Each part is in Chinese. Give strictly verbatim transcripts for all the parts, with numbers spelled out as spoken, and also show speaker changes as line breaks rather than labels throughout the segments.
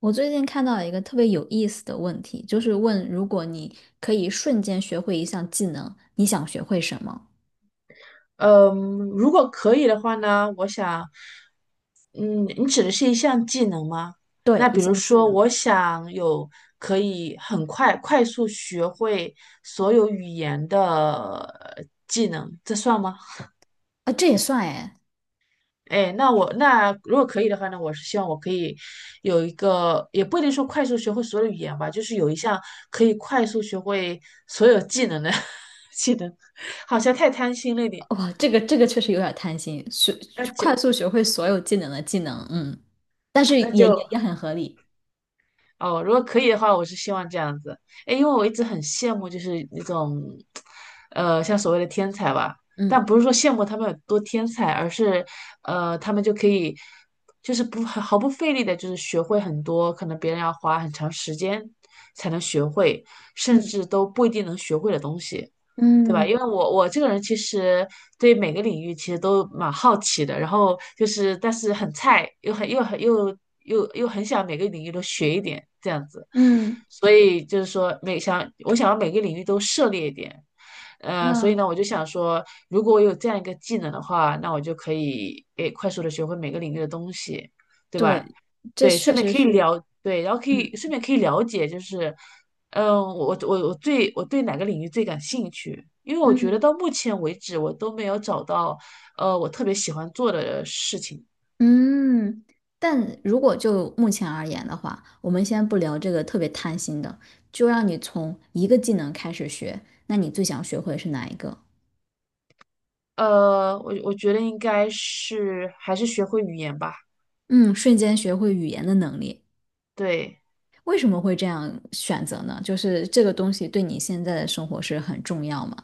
我最近看到了一个特别有意思的问题，就是问如果你可以瞬间学会一项技能，你想学会什么？
嗯，如果可以的话呢，我想，嗯，你指的是一项技能吗？
对，
那
一
比如
项技
说，
能
我想有可以很快快速学会所有语言的呃技能，这算吗？
啊，这也算哎。
哎，那我那如果可以的话呢，我是希望我可以有一个，也不一定说快速学会所有的语言吧，就是有一项可以快速学会所有技能的 技能，好像太贪心了一点。
哇，这个这个确实有点贪心，学
那
快
就
速学会所有技能的技能。嗯，但是
那
也也
就
也很合理。
哦，如果可以的话，我是希望这样子。哎，因为我一直很羡慕，就是那种，呃，像所谓的天才吧，但
嗯
不是说羡慕他们有多天才，而是，呃，他们就可以，就是不毫不费力的，就是学会很多可能别人要花很长时间才能学会，甚
嗯
至都不一定能学会的东西。对吧？因为
嗯
我我这个人其实对每个领域其实都蛮好奇的，然后就是但是很菜，又很又很又又又很想每个领域都学一点这样子，
嗯，
所以就是说每想我想要每个领域都涉猎一点，呃，所以
那
呢我就想说，如果我有这样一个技能的话，那我就可以诶快速的学会每个领域的东西，对吧？
对，这
对，
确
顺便
实
可以
是。
了，对，然后可以
嗯。
顺便可以了解，就是嗯，我我我最我对哪个领域最感兴趣？因为我觉得
嗯。
到目前为止，我都没有找到呃我特别喜欢做的事情。
嗯，但如果就目前而言的话，我们先不聊这个特别贪心的，就让你从一个技能开始学，那你最想学会是哪一个？
呃，我我觉得应该是还是学会语言吧。
嗯，瞬间学会语言的能力。
对，
为什么会这样选择呢？就是这个东西对你现在的生活是很重要吗？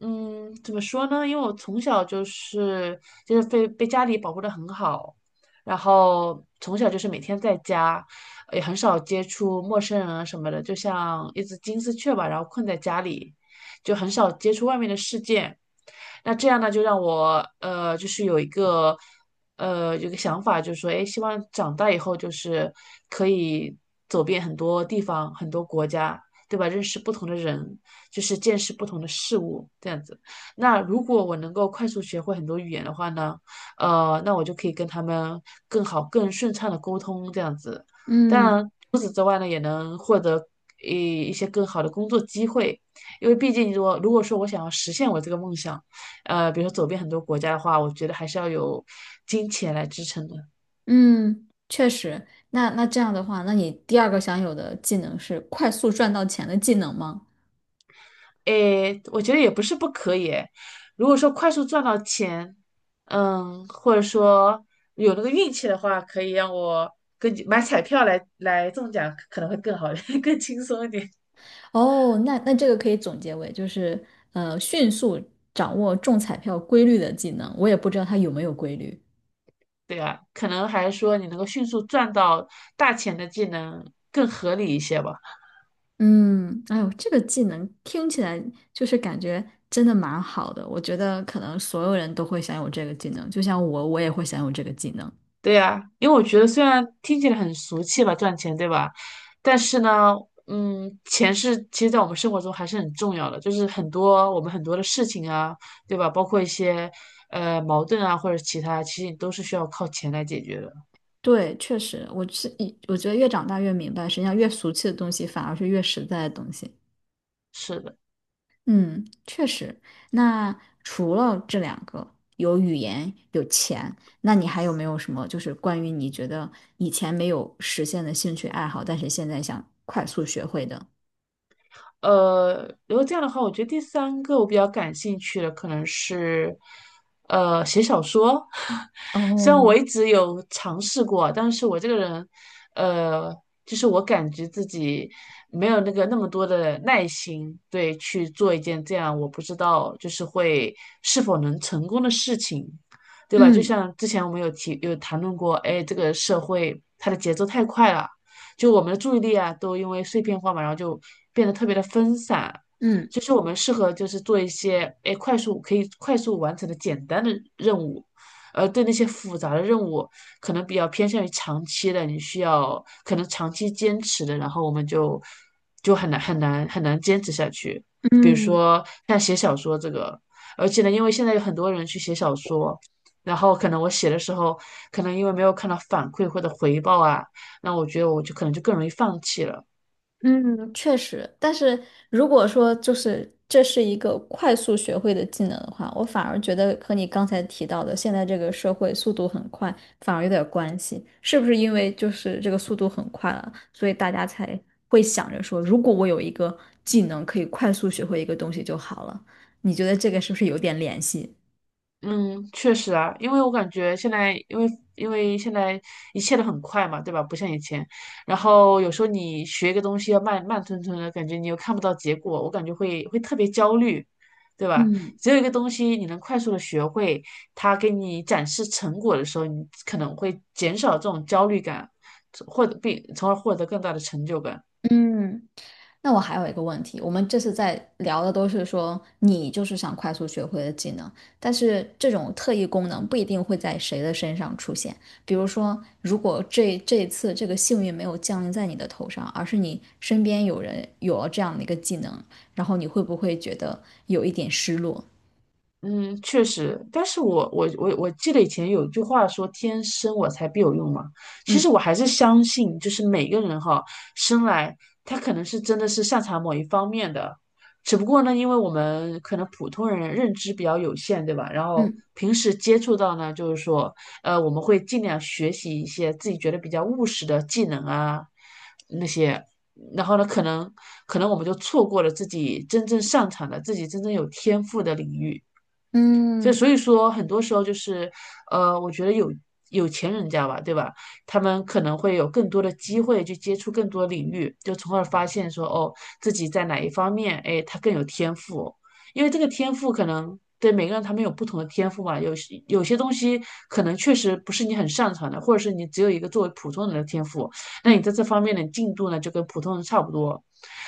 嗯，怎么说呢？因为我从小就是就是被被家里保护的很好，然后从小就是每天在家，也很少接触陌生人啊什么的，就像一只金丝雀吧，然后困在家里，就很少接触外面的世界。那这样呢，就让我呃，就是有一个呃，有个想法，就是说，哎，希望长大以后就是可以走遍很多地方、很多国家，对吧？认识不同的人，就是见识不同的事物，这样子。那如果我能够快速学会很多语言的话呢，呃，那我就可以跟他们更好、更顺畅的沟通，这样子。当
嗯
然，除此之外呢，也能获得一一些更好的工作机会，因为毕竟如果如果说我想要实现我这个梦想，呃，比如说走遍很多国家的话，我觉得还是要有金钱来支撑的。
嗯，确实。那那这样的话，那你第二个想有的技能是快速赚到钱的技能吗？
诶，我觉得也不是不可以诶。如果说快速赚到钱，嗯，或者说有那个运气的话，可以让我跟据买彩票来来中奖，可能会更好，更轻松一点，
哦，那那这个可以总结为就是呃，迅速掌握中彩票规律的技能。我也不知道它有没有规律。
对啊，可能还是说你能够迅速赚到大钱的技能更合理一些吧。
嗯，哎呦，这个技能听起来就是感觉真的蛮好的。我觉得可能所有人都会享有这个技能，就像我，我也会享有这个技能。
对呀，因为我觉得虽然听起来很俗气吧，赚钱，对吧？但是呢，嗯，钱是其实在我们生活中还是很重要的，就是很多我们很多的事情啊，对吧？包括一些呃矛盾啊或者其他，其实你都是需要靠钱来解决的。
对，确实，我是一，我觉得越长大越明白，实际上越俗气的东西反而是越实在的东西。
是的。
嗯，确实。那除了这两个，有语言，有钱，那你还有没有什么就是关于你觉得以前没有实现的兴趣爱好，但是现在想快速学会的？
呃，如果这样的话，我觉得第三个我比较感兴趣的可能是，呃，写小说。虽然我
哦，
一直有尝试过，但是我这个人，呃，就是我感觉自己没有那个那么多的耐心，对，去做一件这样我不知道就是会是否能成功的事情，对吧？就
嗯
像之前我们有提有谈论过，哎，这个社会它的节奏太快了。就我们的注意力啊，都因为碎片化嘛，然后就变得特别的分散。
嗯
就是我们适合就是做一些哎快速可以快速完成的简单的任务，而对那些复杂的任务，可能比较偏向于长期的，你需要可能长期坚持的，然后我们就就很难很难很难坚持下去。比如
嗯，
说像写小说这个，而且呢，因为现在有很多人去写小说，然后可能我写的时候，可能因为没有看到反馈或者回报啊，那我觉得我就可能就更容易放弃了。
嗯，确实，但是如果说就是这是一个快速学会的技能的话，我反而觉得和你刚才提到的现在这个社会速度很快，反而有点关系。是不是因为就是这个速度很快了，所以大家才会想着说，如果我有一个技能可以快速学会一个东西就好了？你觉得这个是不是有点联系？
嗯，确实啊，因为我感觉现在，因为因为现在一切都很快嘛，对吧？不像以前，然后有时候你学一个东西要慢慢吞吞的，感觉你又看不到结果，我感觉会会特别焦虑，对吧？
嗯
只有一个东西你能快速的学会，它给你展示成果的时候，你可能会减少这种焦虑感，获得并从而获得更大的成就感。
嗯。那我还有一个问题，我们这次在聊的都是说你就是想快速学会的技能，但是这种特异功能不一定会在谁的身上出现。比如说，如果这这一次这个幸运没有降临在你的头上，而是你身边有人有了这样的一个技能，然后你会不会觉得有一点失落？
嗯，确实，但是我我我我记得以前有一句话说"天生我材必有用"嘛，其实
嗯
我还是相信，就是每个人哈，生来他可能是真的是擅长某一方面的，只不过呢，因为我们可能普通人认知比较有限，对吧？然后
嗯
平时接触到呢，就是说，呃，我们会尽量学习一些自己觉得比较务实的技能啊，那些。然后呢，可能可能我们就错过了自己真正擅长的、自己真正有天赋的领域。就
嗯
所以说，很多时候就是，呃，我觉得有有钱人家吧，对吧？他们可能会有更多的机会去接触更多领域，就从而发现说，哦，自己在哪一方面，哎，他更有天赋。因为这个天赋可能对每个人他们有不同的天赋嘛，有些有些东西可能确实不是你很擅长的，或者是你只有一个作为普通人的天赋，那你
嗯
在这方面的进度呢，就跟普通人差不多。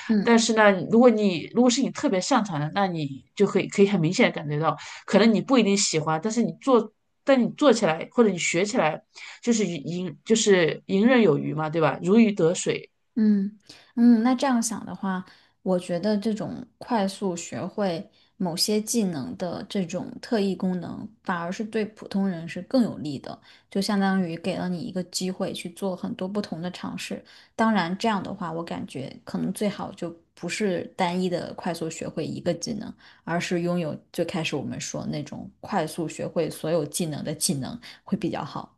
嗯。
但是呢，如果你如果是你特别擅长的，那你就可以可以很明显的感觉到。可能你不一定喜欢，但是你做，但你做起来或者你学起来，就是游就是游刃有余嘛，对吧？如鱼得水。
嗯嗯，那这样想的话，我觉得这种快速学会某些技能的这种特异功能，反而是对普通人是更有利的，就相当于给了你一个机会去做很多不同的尝试。当然，这样的话，我感觉可能最好就不是单一的快速学会一个技能，而是拥有最开始我们说那种快速学会所有技能的技能会比较好。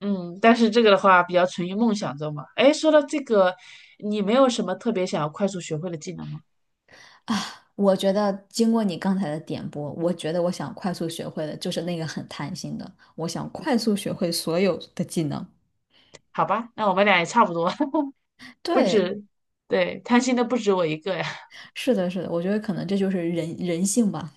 嗯，但是这个的话比较存于梦想中嘛。哎，说到这个，你没有什么特别想要快速学会的技能吗？
我觉得经过你刚才的点拨，我觉得我想快速学会的就是那个很贪心的，我想快速学会所有的技能。
好吧，那我们俩也差不多，不
对，
止，对，贪心的不止我一个呀。
是的，是的，我觉得可能这就是人人性吧。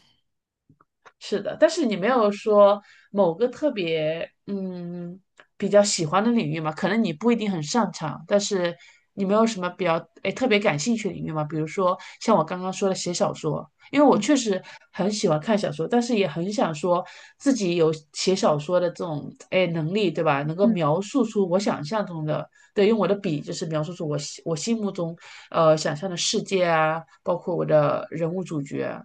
是的，但是你没有说某个特别嗯比较喜欢的领域嘛？可能你不一定很擅长，但是你没有什么比较诶特别感兴趣的领域嘛？比如说像我刚刚说的写小说，因为我
嗯
确实很喜欢看小说，但是也很想说自己有写小说的这种诶能力，对吧？能够
嗯。
描述出我想象中的，对，用我的笔就是描述出我心我心目中呃想象的世界啊，包括我的人物主角。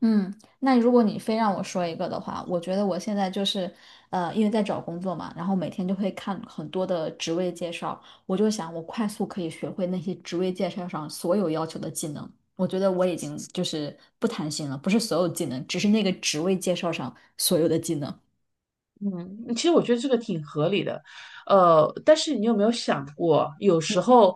嗯，那如果你非让我说一个的话，我觉得我现在就是，呃，因为在找工作嘛，然后每天就会看很多的职位介绍，我就想我快速可以学会那些职位介绍上所有要求的技能。我觉得我已经就是不贪心了，不是所有技能，只是那个职位介绍上所有的技能。
嗯，其实我觉得这个挺合理的，呃，但是你有没有想过，有时候，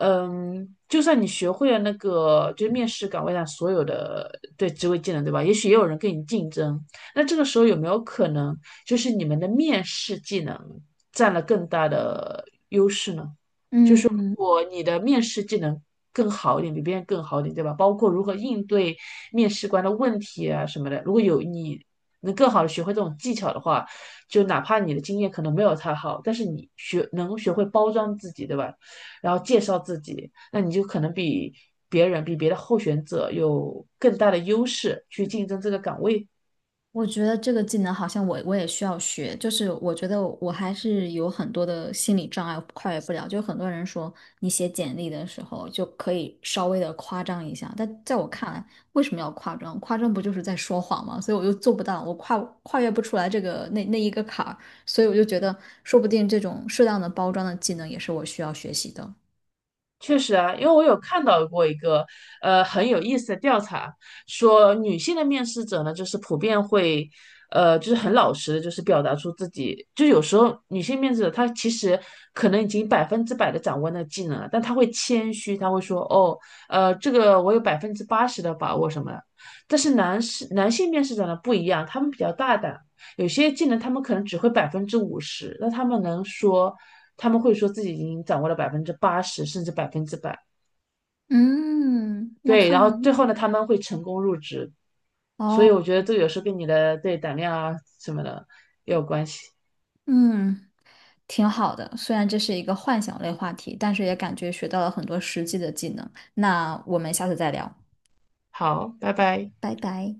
嗯，就算你学会了那个就是面试岗位上所有的对职位技能，对吧？也许也有人跟你竞争，那这个时候有没有可能，就是你们的面试技能占了更大的优势呢？
嗯。
果你的面试技能更好一点，比别人更好一点，对吧？包括如何应对面试官的问题啊什么的，如果有你能更好的学会这种技巧的话，就哪怕你的经验可能没有他好，但是你学能学会包装自己，对吧？然后介绍自己，那你就可能比别人、比别的候选者有更大的优势去竞争这个岗位。
我觉得这个技能好像我我也需要学，就是我觉得我还是有很多的心理障碍，跨越不了。就很多人说你写简历的时候就可以稍微的夸张一下，但在我看来，为什么要夸张？夸张不就是在说谎吗？所以我就做不到，我跨跨越不出来这个那那一个坎儿，所以我就觉得，说不定这种适当的包装的技能也是我需要学习的。
确实啊，因为我有看到过一个呃很有意思的调查，说女性的面试者呢，就是普遍会呃就是很老实的，就是表达出自己，就有时候女性面试者她其实可能已经百分之百的掌握那个技能了，但她会谦虚，她会说哦呃这个我有百分之八十的把握什么的，但是男士男性面试者呢不一样，他们比较大胆。有些技能他们可能只会百分之五十，那他们能说，他们会说自己已经掌握了百分之八十甚至百分之百。
嗯，那
对，
看
然后
来。
最后呢，他们会成功入职。所以
哦。
我觉得这有时候跟你的对胆量啊什么的也有关系。
嗯。挺好的，虽然这是一个幻想类话题，但是也感觉学到了很多实际的技能。那我们下次再聊，
好，拜拜。
拜拜。